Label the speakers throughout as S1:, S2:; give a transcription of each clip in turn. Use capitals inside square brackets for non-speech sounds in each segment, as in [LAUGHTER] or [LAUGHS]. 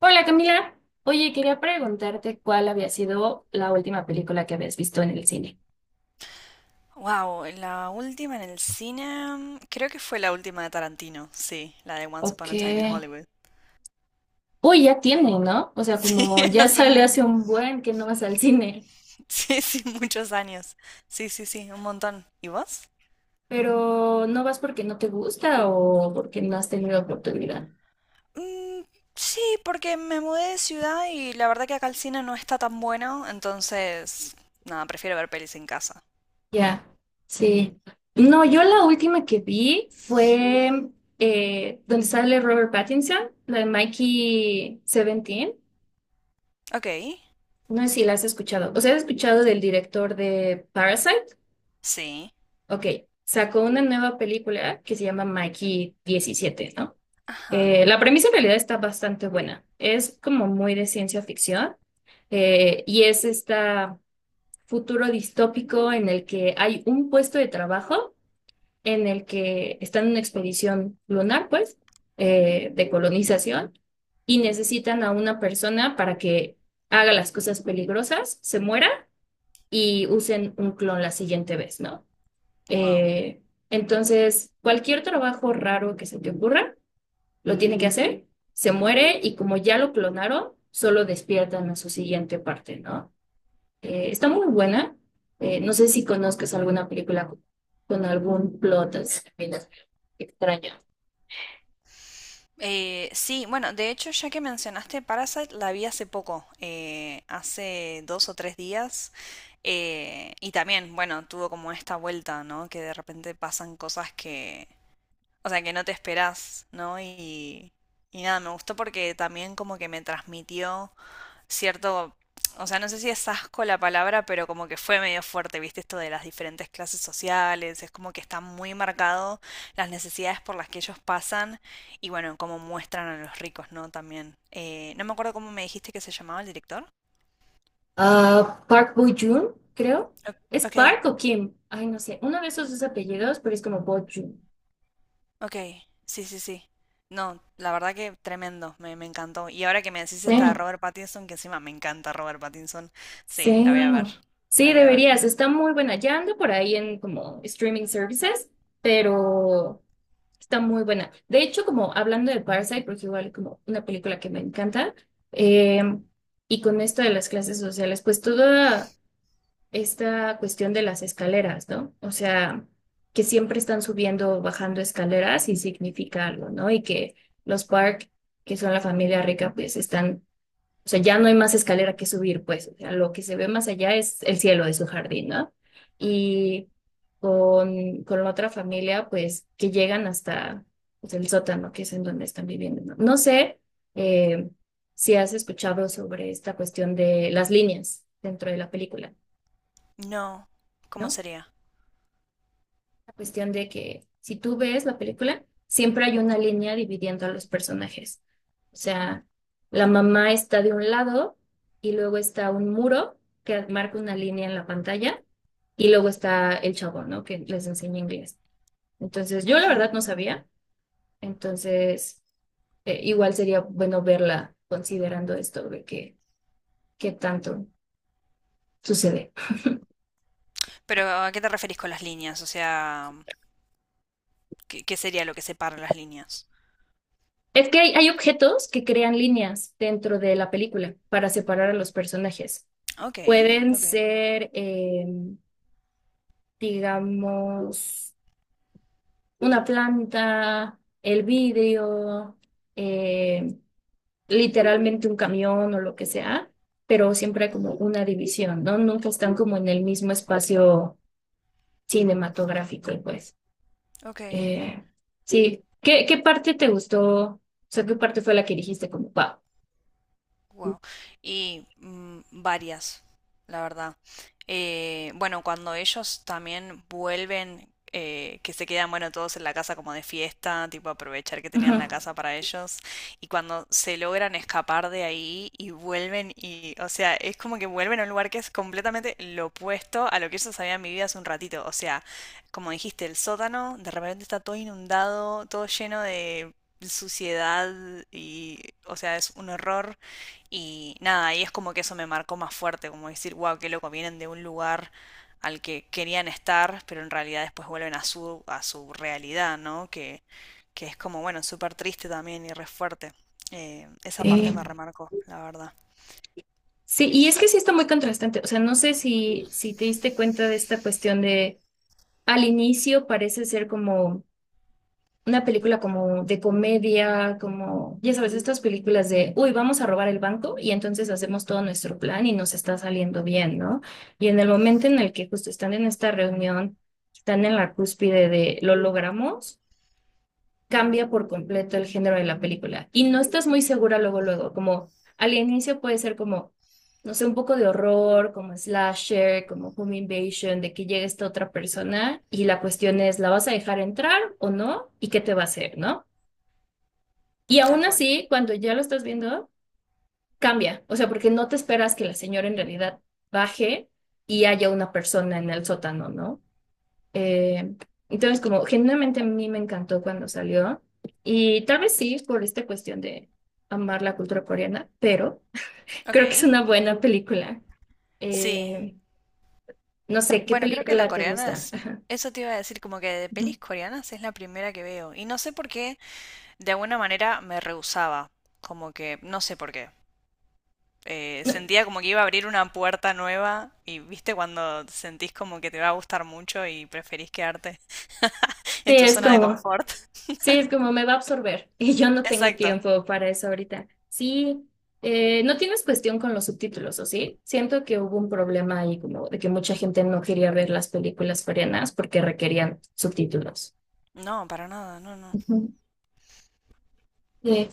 S1: Hola Camila, oye, quería preguntarte cuál había sido la última película que habías visto en el cine.
S2: Wow, la última en el cine, creo que fue la última de Tarantino, sí, la de Once Upon
S1: Ok.
S2: a Time in Hollywood. [LAUGHS]
S1: Uy, ya tiene, ¿no? O sea,
S2: Sí,
S1: como ya
S2: hace
S1: sale hace
S2: un-
S1: un buen que no vas al cine,
S2: sí, sí, muchos años. Sí, sí, sí, un montón. ¿Y vos?
S1: pero ¿no vas porque no te gusta o porque no has tenido oportunidad?
S2: Mm, sí, porque me mudé de ciudad y la verdad que acá el cine no está tan bueno, entonces, nada, prefiero ver pelis en casa.
S1: Ya, sí. No, yo la última que vi fue donde sale Robert Pattinson, la de Mikey 17.
S2: Ok,
S1: No sé si la has escuchado. O sea, ¿has escuchado del director de Parasite?
S2: sí.
S1: Ok, sacó una nueva película que se llama Mikey 17, ¿no?
S2: Ajá.
S1: La premisa en realidad está bastante buena. Es como muy de ciencia ficción y es este futuro distópico en el que hay un puesto de trabajo en el que están en una expedición lunar, pues, de colonización y necesitan a una persona para que haga las cosas peligrosas, se muera y usen un clon la siguiente vez, ¿no?
S2: Wow.
S1: Eh, entonces, cualquier trabajo raro que se te ocurra, lo tiene que hacer, se muere y como ya lo clonaron, solo despiertan a su siguiente parte, ¿no? Está muy buena. No sé si conozcas alguna película con algún plot así, mira, extraño.
S2: Sí, bueno, de hecho, ya que mencionaste Parasite, la vi hace poco, hace dos o tres días, y también, bueno, tuvo como esta vuelta, ¿no? Que de repente pasan cosas que, o sea, que no te esperás, ¿no? Y nada, me gustó porque también como que me transmitió cierto, o sea, no sé si es asco la palabra, pero como que fue medio fuerte, ¿viste? Esto de las diferentes clases sociales, es como que está muy marcado las necesidades por las que ellos pasan y bueno, cómo muestran a los ricos, ¿no? También. No me acuerdo cómo me dijiste que se llamaba el director.
S1: Ah, Park Bo-joon, creo.
S2: O-
S1: ¿Es
S2: Ok,
S1: Park o Kim? Ay, no sé. Uno de esos dos apellidos, pero es como Bo-joon.
S2: ok, sí, sí, sí. No, la verdad que tremendo, me encantó. Y ahora que me decís
S1: Sí.
S2: esta de Robert Pattinson, que encima me encanta Robert Pattinson, sí,
S1: Sí,
S2: la voy a ver, la
S1: sí,
S2: voy a ver.
S1: deberías. Está muy buena. Ya anda por ahí en como streaming services, pero está muy buena. De hecho, como hablando de Parasite, porque igual como una película que me encanta, eh, y con esto de las clases sociales, pues toda esta cuestión de las escaleras, ¿no? O sea, que siempre están subiendo, bajando escaleras y significa algo, ¿no? Y que los Park, que son la familia rica, pues están, o sea, ya no hay más escalera que subir, pues. O sea, lo que se ve más allá es el cielo de su jardín, ¿no? Y con la otra familia, pues, que llegan hasta, pues, el sótano, que es en donde están viviendo, ¿no? No sé eh, si has escuchado sobre esta cuestión de las líneas dentro de la película,
S2: No, ¿cómo
S1: ¿no?
S2: sería?
S1: Cuestión de que si tú ves la película, siempre hay una línea dividiendo a los personajes. O sea, la mamá está de un lado y luego está un muro que marca una línea en la pantalla y luego está el chavo, ¿no? Que les enseña inglés. Entonces, yo la verdad no sabía. Entonces, igual sería bueno verla considerando esto de que, qué tanto sucede.
S2: Pero ¿a qué te referís con las líneas? O sea, qué sería lo que separa las líneas?
S1: Es que hay objetos que crean líneas dentro de la película para separar a los personajes.
S2: Ok,
S1: Pueden
S2: ok.
S1: ser, digamos, una planta, el vidrio, eh, literalmente un camión o lo que sea, pero siempre hay como
S2: Ujú.
S1: una división, ¿no? Nunca están como en el mismo espacio cinematográfico, pues.
S2: Ok.
S1: Eh, sí, ¿qué, qué parte te gustó? O sea, ¿qué parte fue la que dijiste como, wow?
S2: Wow. Y varias, la verdad. Bueno, cuando ellos también vuelven, que se quedan, bueno, todos en la casa como de fiesta, tipo aprovechar que
S1: Ajá.
S2: tenían la casa para ellos, y cuando se logran escapar de ahí y vuelven y, o sea, es como que vuelven a un lugar que es completamente lo opuesto a lo que ellos habían vivido hace un ratito. O sea, como dijiste, el sótano de repente está todo inundado, todo lleno de suciedad y, o sea, es un horror. Y nada, y es como que eso me marcó más fuerte, como decir, wow, qué loco, vienen de un lugar al que querían estar, pero en realidad después vuelven a su realidad, ¿no? Que es como, bueno, súper triste también y re fuerte. Esa parte
S1: Eh,
S2: me remarcó, la verdad.
S1: sí, y es que sí está muy contrastante. O sea, no sé si, si te diste cuenta de esta cuestión de al inicio parece ser como una película como de comedia, como, ya sabes, estas películas de, uy, vamos a robar el banco y entonces hacemos todo nuestro plan y nos está saliendo bien, ¿no? Y en el momento en el que justo están en esta reunión, están en la cúspide de, lo logramos, cambia por completo el género de la película. Y no estás muy segura luego, luego, como al inicio puede ser como, no sé, un poco de horror, como slasher, como home invasion, de que llegue esta otra persona y la cuestión es, ¿la vas a dejar entrar o no? ¿Y qué te va a hacer, no? Y aún
S2: Tal cual.
S1: así, cuando ya lo estás viendo, cambia. O sea, porque no te esperas que la señora en realidad baje y haya una persona en el sótano, ¿no? Eh, entonces, como genuinamente a mí me encantó cuando salió. Y tal vez sí, por esta cuestión de amar la cultura coreana, pero
S2: Ok.
S1: creo que es una buena película.
S2: Sí.
S1: Eh, no sé, ¿qué
S2: Bueno, creo que la
S1: película te
S2: coreana
S1: gusta?
S2: es... Eso te iba a decir, como que de
S1: Ujú.
S2: pelis coreanas es la primera que veo. Y no sé por qué, de alguna manera me rehusaba. Como que, no sé por qué.
S1: No,
S2: Sentía como que iba a abrir una puerta nueva y viste cuando sentís como que te va a gustar mucho y preferís quedarte [LAUGHS]
S1: sí,
S2: en tu
S1: es
S2: zona de
S1: como,
S2: confort. [LAUGHS]
S1: sí, es como me va a absorber [LAUGHS] y yo no tengo
S2: Exacto.
S1: tiempo para eso ahorita. Sí, no tienes cuestión con los subtítulos, ¿o sí? Siento que hubo un problema ahí como de que mucha gente no quería ver las películas coreanas porque requerían subtítulos.
S2: No, para nada, no, no.
S1: Ujú. Sí.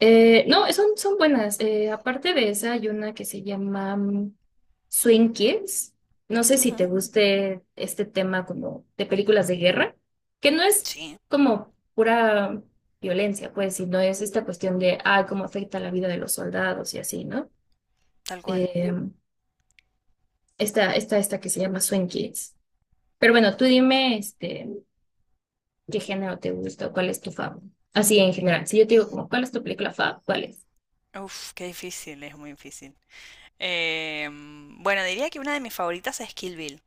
S1: No, son, son buenas. Aparte de esa, hay una que se llama mm, Swing Kids. No sé si te
S2: Ujú.
S1: guste este tema como de películas de guerra, que no es
S2: Sí,
S1: como pura violencia, pues, sino es esta cuestión de, ah, cómo afecta la vida de los soldados y así, ¿no?
S2: tal cual.
S1: Eh, esta que se llama Swing Kids. Pero bueno, tú dime, este, qué género te gusta o cuál es tu favorito. Así en general. Si yo te digo como, ¿cuál es tu película fav? ¿Cuál es?
S2: Uf, qué difícil, es muy difícil. Bueno, diría que una de mis favoritas es Kill Bill.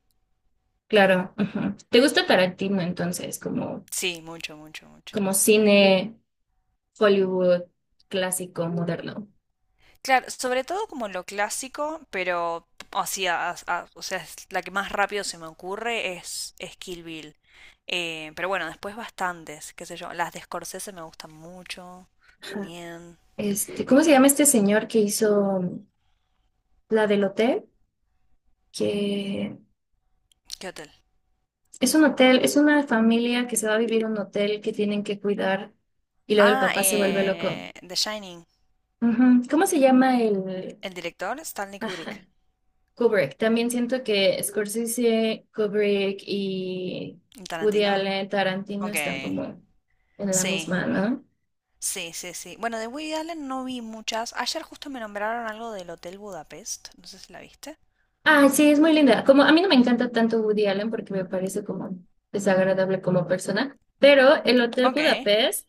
S1: Claro. Ujú. ¿Te gusta Tarantino entonces, como,
S2: Sí, mucho, mucho, mucho.
S1: como cine Hollywood clásico, moderno?
S2: Claro, sobre todo como lo clásico, pero o sea, o sea, es la que más rápido se me ocurre es Kill Bill. Pero bueno, después bastantes, qué sé yo. Las de Scorsese me gustan mucho
S1: Ajá.
S2: también.
S1: Este, ¿cómo se llama este señor que hizo la del hotel? Que
S2: ¿Qué hotel?
S1: es un hotel, es una familia que se va a vivir a un hotel que tienen que cuidar y luego el
S2: Ah,
S1: papá se vuelve loco.
S2: The Shining.
S1: Ujú. ¿Cómo se llama el...?
S2: El director Stanley
S1: Ajá.
S2: Kubrick.
S1: Kubrick. También siento que Scorsese, Kubrick y
S2: Y
S1: Woody
S2: Tarantino.
S1: Allen, Tarantino
S2: Ok.
S1: están como en la
S2: Sí,
S1: misma, ¿no?
S2: sí, sí, sí. Bueno, de Woody Allen no vi muchas. Ayer justo me nombraron algo del Hotel Budapest. No sé si la viste.
S1: Ah, sí, es muy linda. Como a mí no me encanta tanto Woody Allen porque me parece como desagradable como persona, pero el Hotel
S2: Ok.
S1: Budapest,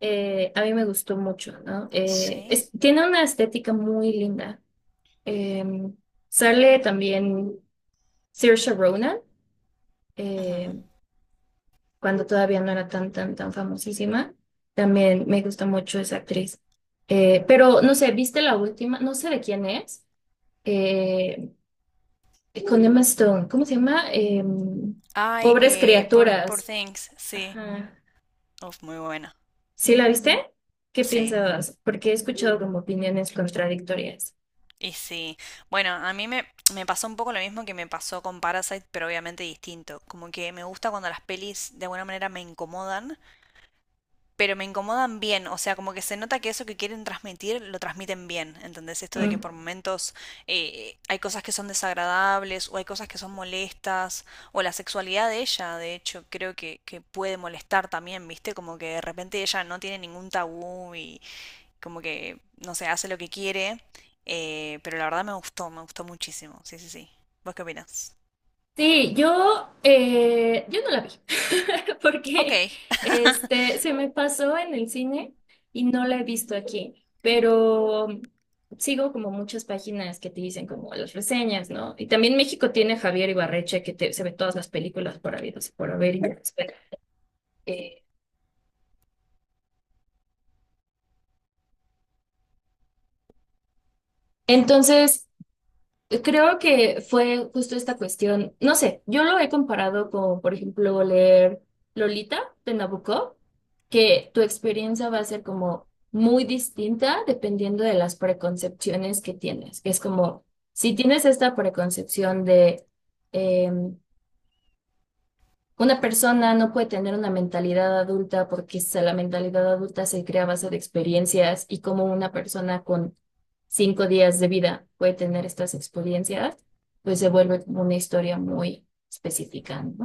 S1: a mí me gustó mucho, ¿no?
S2: Sí.
S1: Tiene una estética muy linda. Eh, sale también Saoirse Ronan, eh, cuando todavía no era tan, tan famosísima. También me gusta mucho esa actriz. Pero no sé, ¿viste la última? No sé de quién es. Eh, con Emma Stone, ¿cómo se llama? Em,
S2: Ay,
S1: Pobres
S2: Poor, Poor
S1: criaturas.
S2: Things, sí.
S1: Ajá.
S2: Uf, muy buena.
S1: ¿Sí la viste? ¿Qué
S2: Sí.
S1: piensas? Porque he escuchado como opiniones contradictorias.
S2: Y sí. Bueno, a mí me pasó un poco lo mismo que me pasó con Parasite, pero obviamente distinto. Como que me gusta cuando las pelis de alguna manera me incomodan, pero me incomodan bien. O sea, como que se nota que eso que quieren transmitir lo transmiten bien. ¿Entendés? Esto de que
S1: Mm.
S2: por momentos hay cosas que son desagradables o hay cosas que son molestas o la sexualidad de ella, de hecho, creo que puede molestar también, ¿viste? Como que de repente ella no tiene ningún tabú y como que, no sé, hace lo que quiere, pero la verdad me gustó muchísimo, sí, sí, sí. ¿Vos qué opinas?
S1: Sí, yo, yo no la vi, [LAUGHS]
S2: Ok.
S1: porque este, se me pasó en el cine y no la he visto aquí, pero sigo como muchas páginas que te dicen como las reseñas, ¿no? Y también México tiene a Javier Ibarreche, que se ve todas las películas por habidos y por haber. Y entonces, creo que fue justo esta cuestión, no sé, yo lo he comparado con, por ejemplo, leer Lolita de Nabucco, que tu experiencia va a ser como muy distinta dependiendo de las preconcepciones que tienes. Es como, si tienes esta preconcepción de, em, una persona no puede tener una mentalidad adulta porque la mentalidad adulta se crea a base de experiencias y como una persona con 5 días de vida puede tener estas experiencias, pues se vuelve como una historia muy específica, ¿no?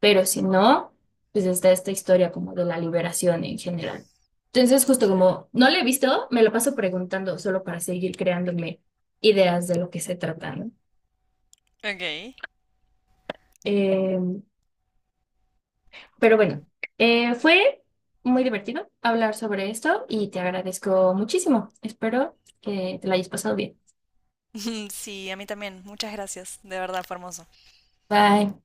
S1: Pero si no, pues está esta historia como de la liberación en general. Entonces, justo como no la he visto, me lo paso preguntando solo para seguir creándome ideas de lo que se trata, ¿no?
S2: [LAUGHS] Ok.
S1: Eh, pero bueno, fue muy divertido hablar sobre esto y te agradezco muchísimo. Espero que te lo hayas pasado bien.
S2: [LAUGHS] Sí, a mí también, muchas gracias, de verdad, fue hermoso.
S1: Bye.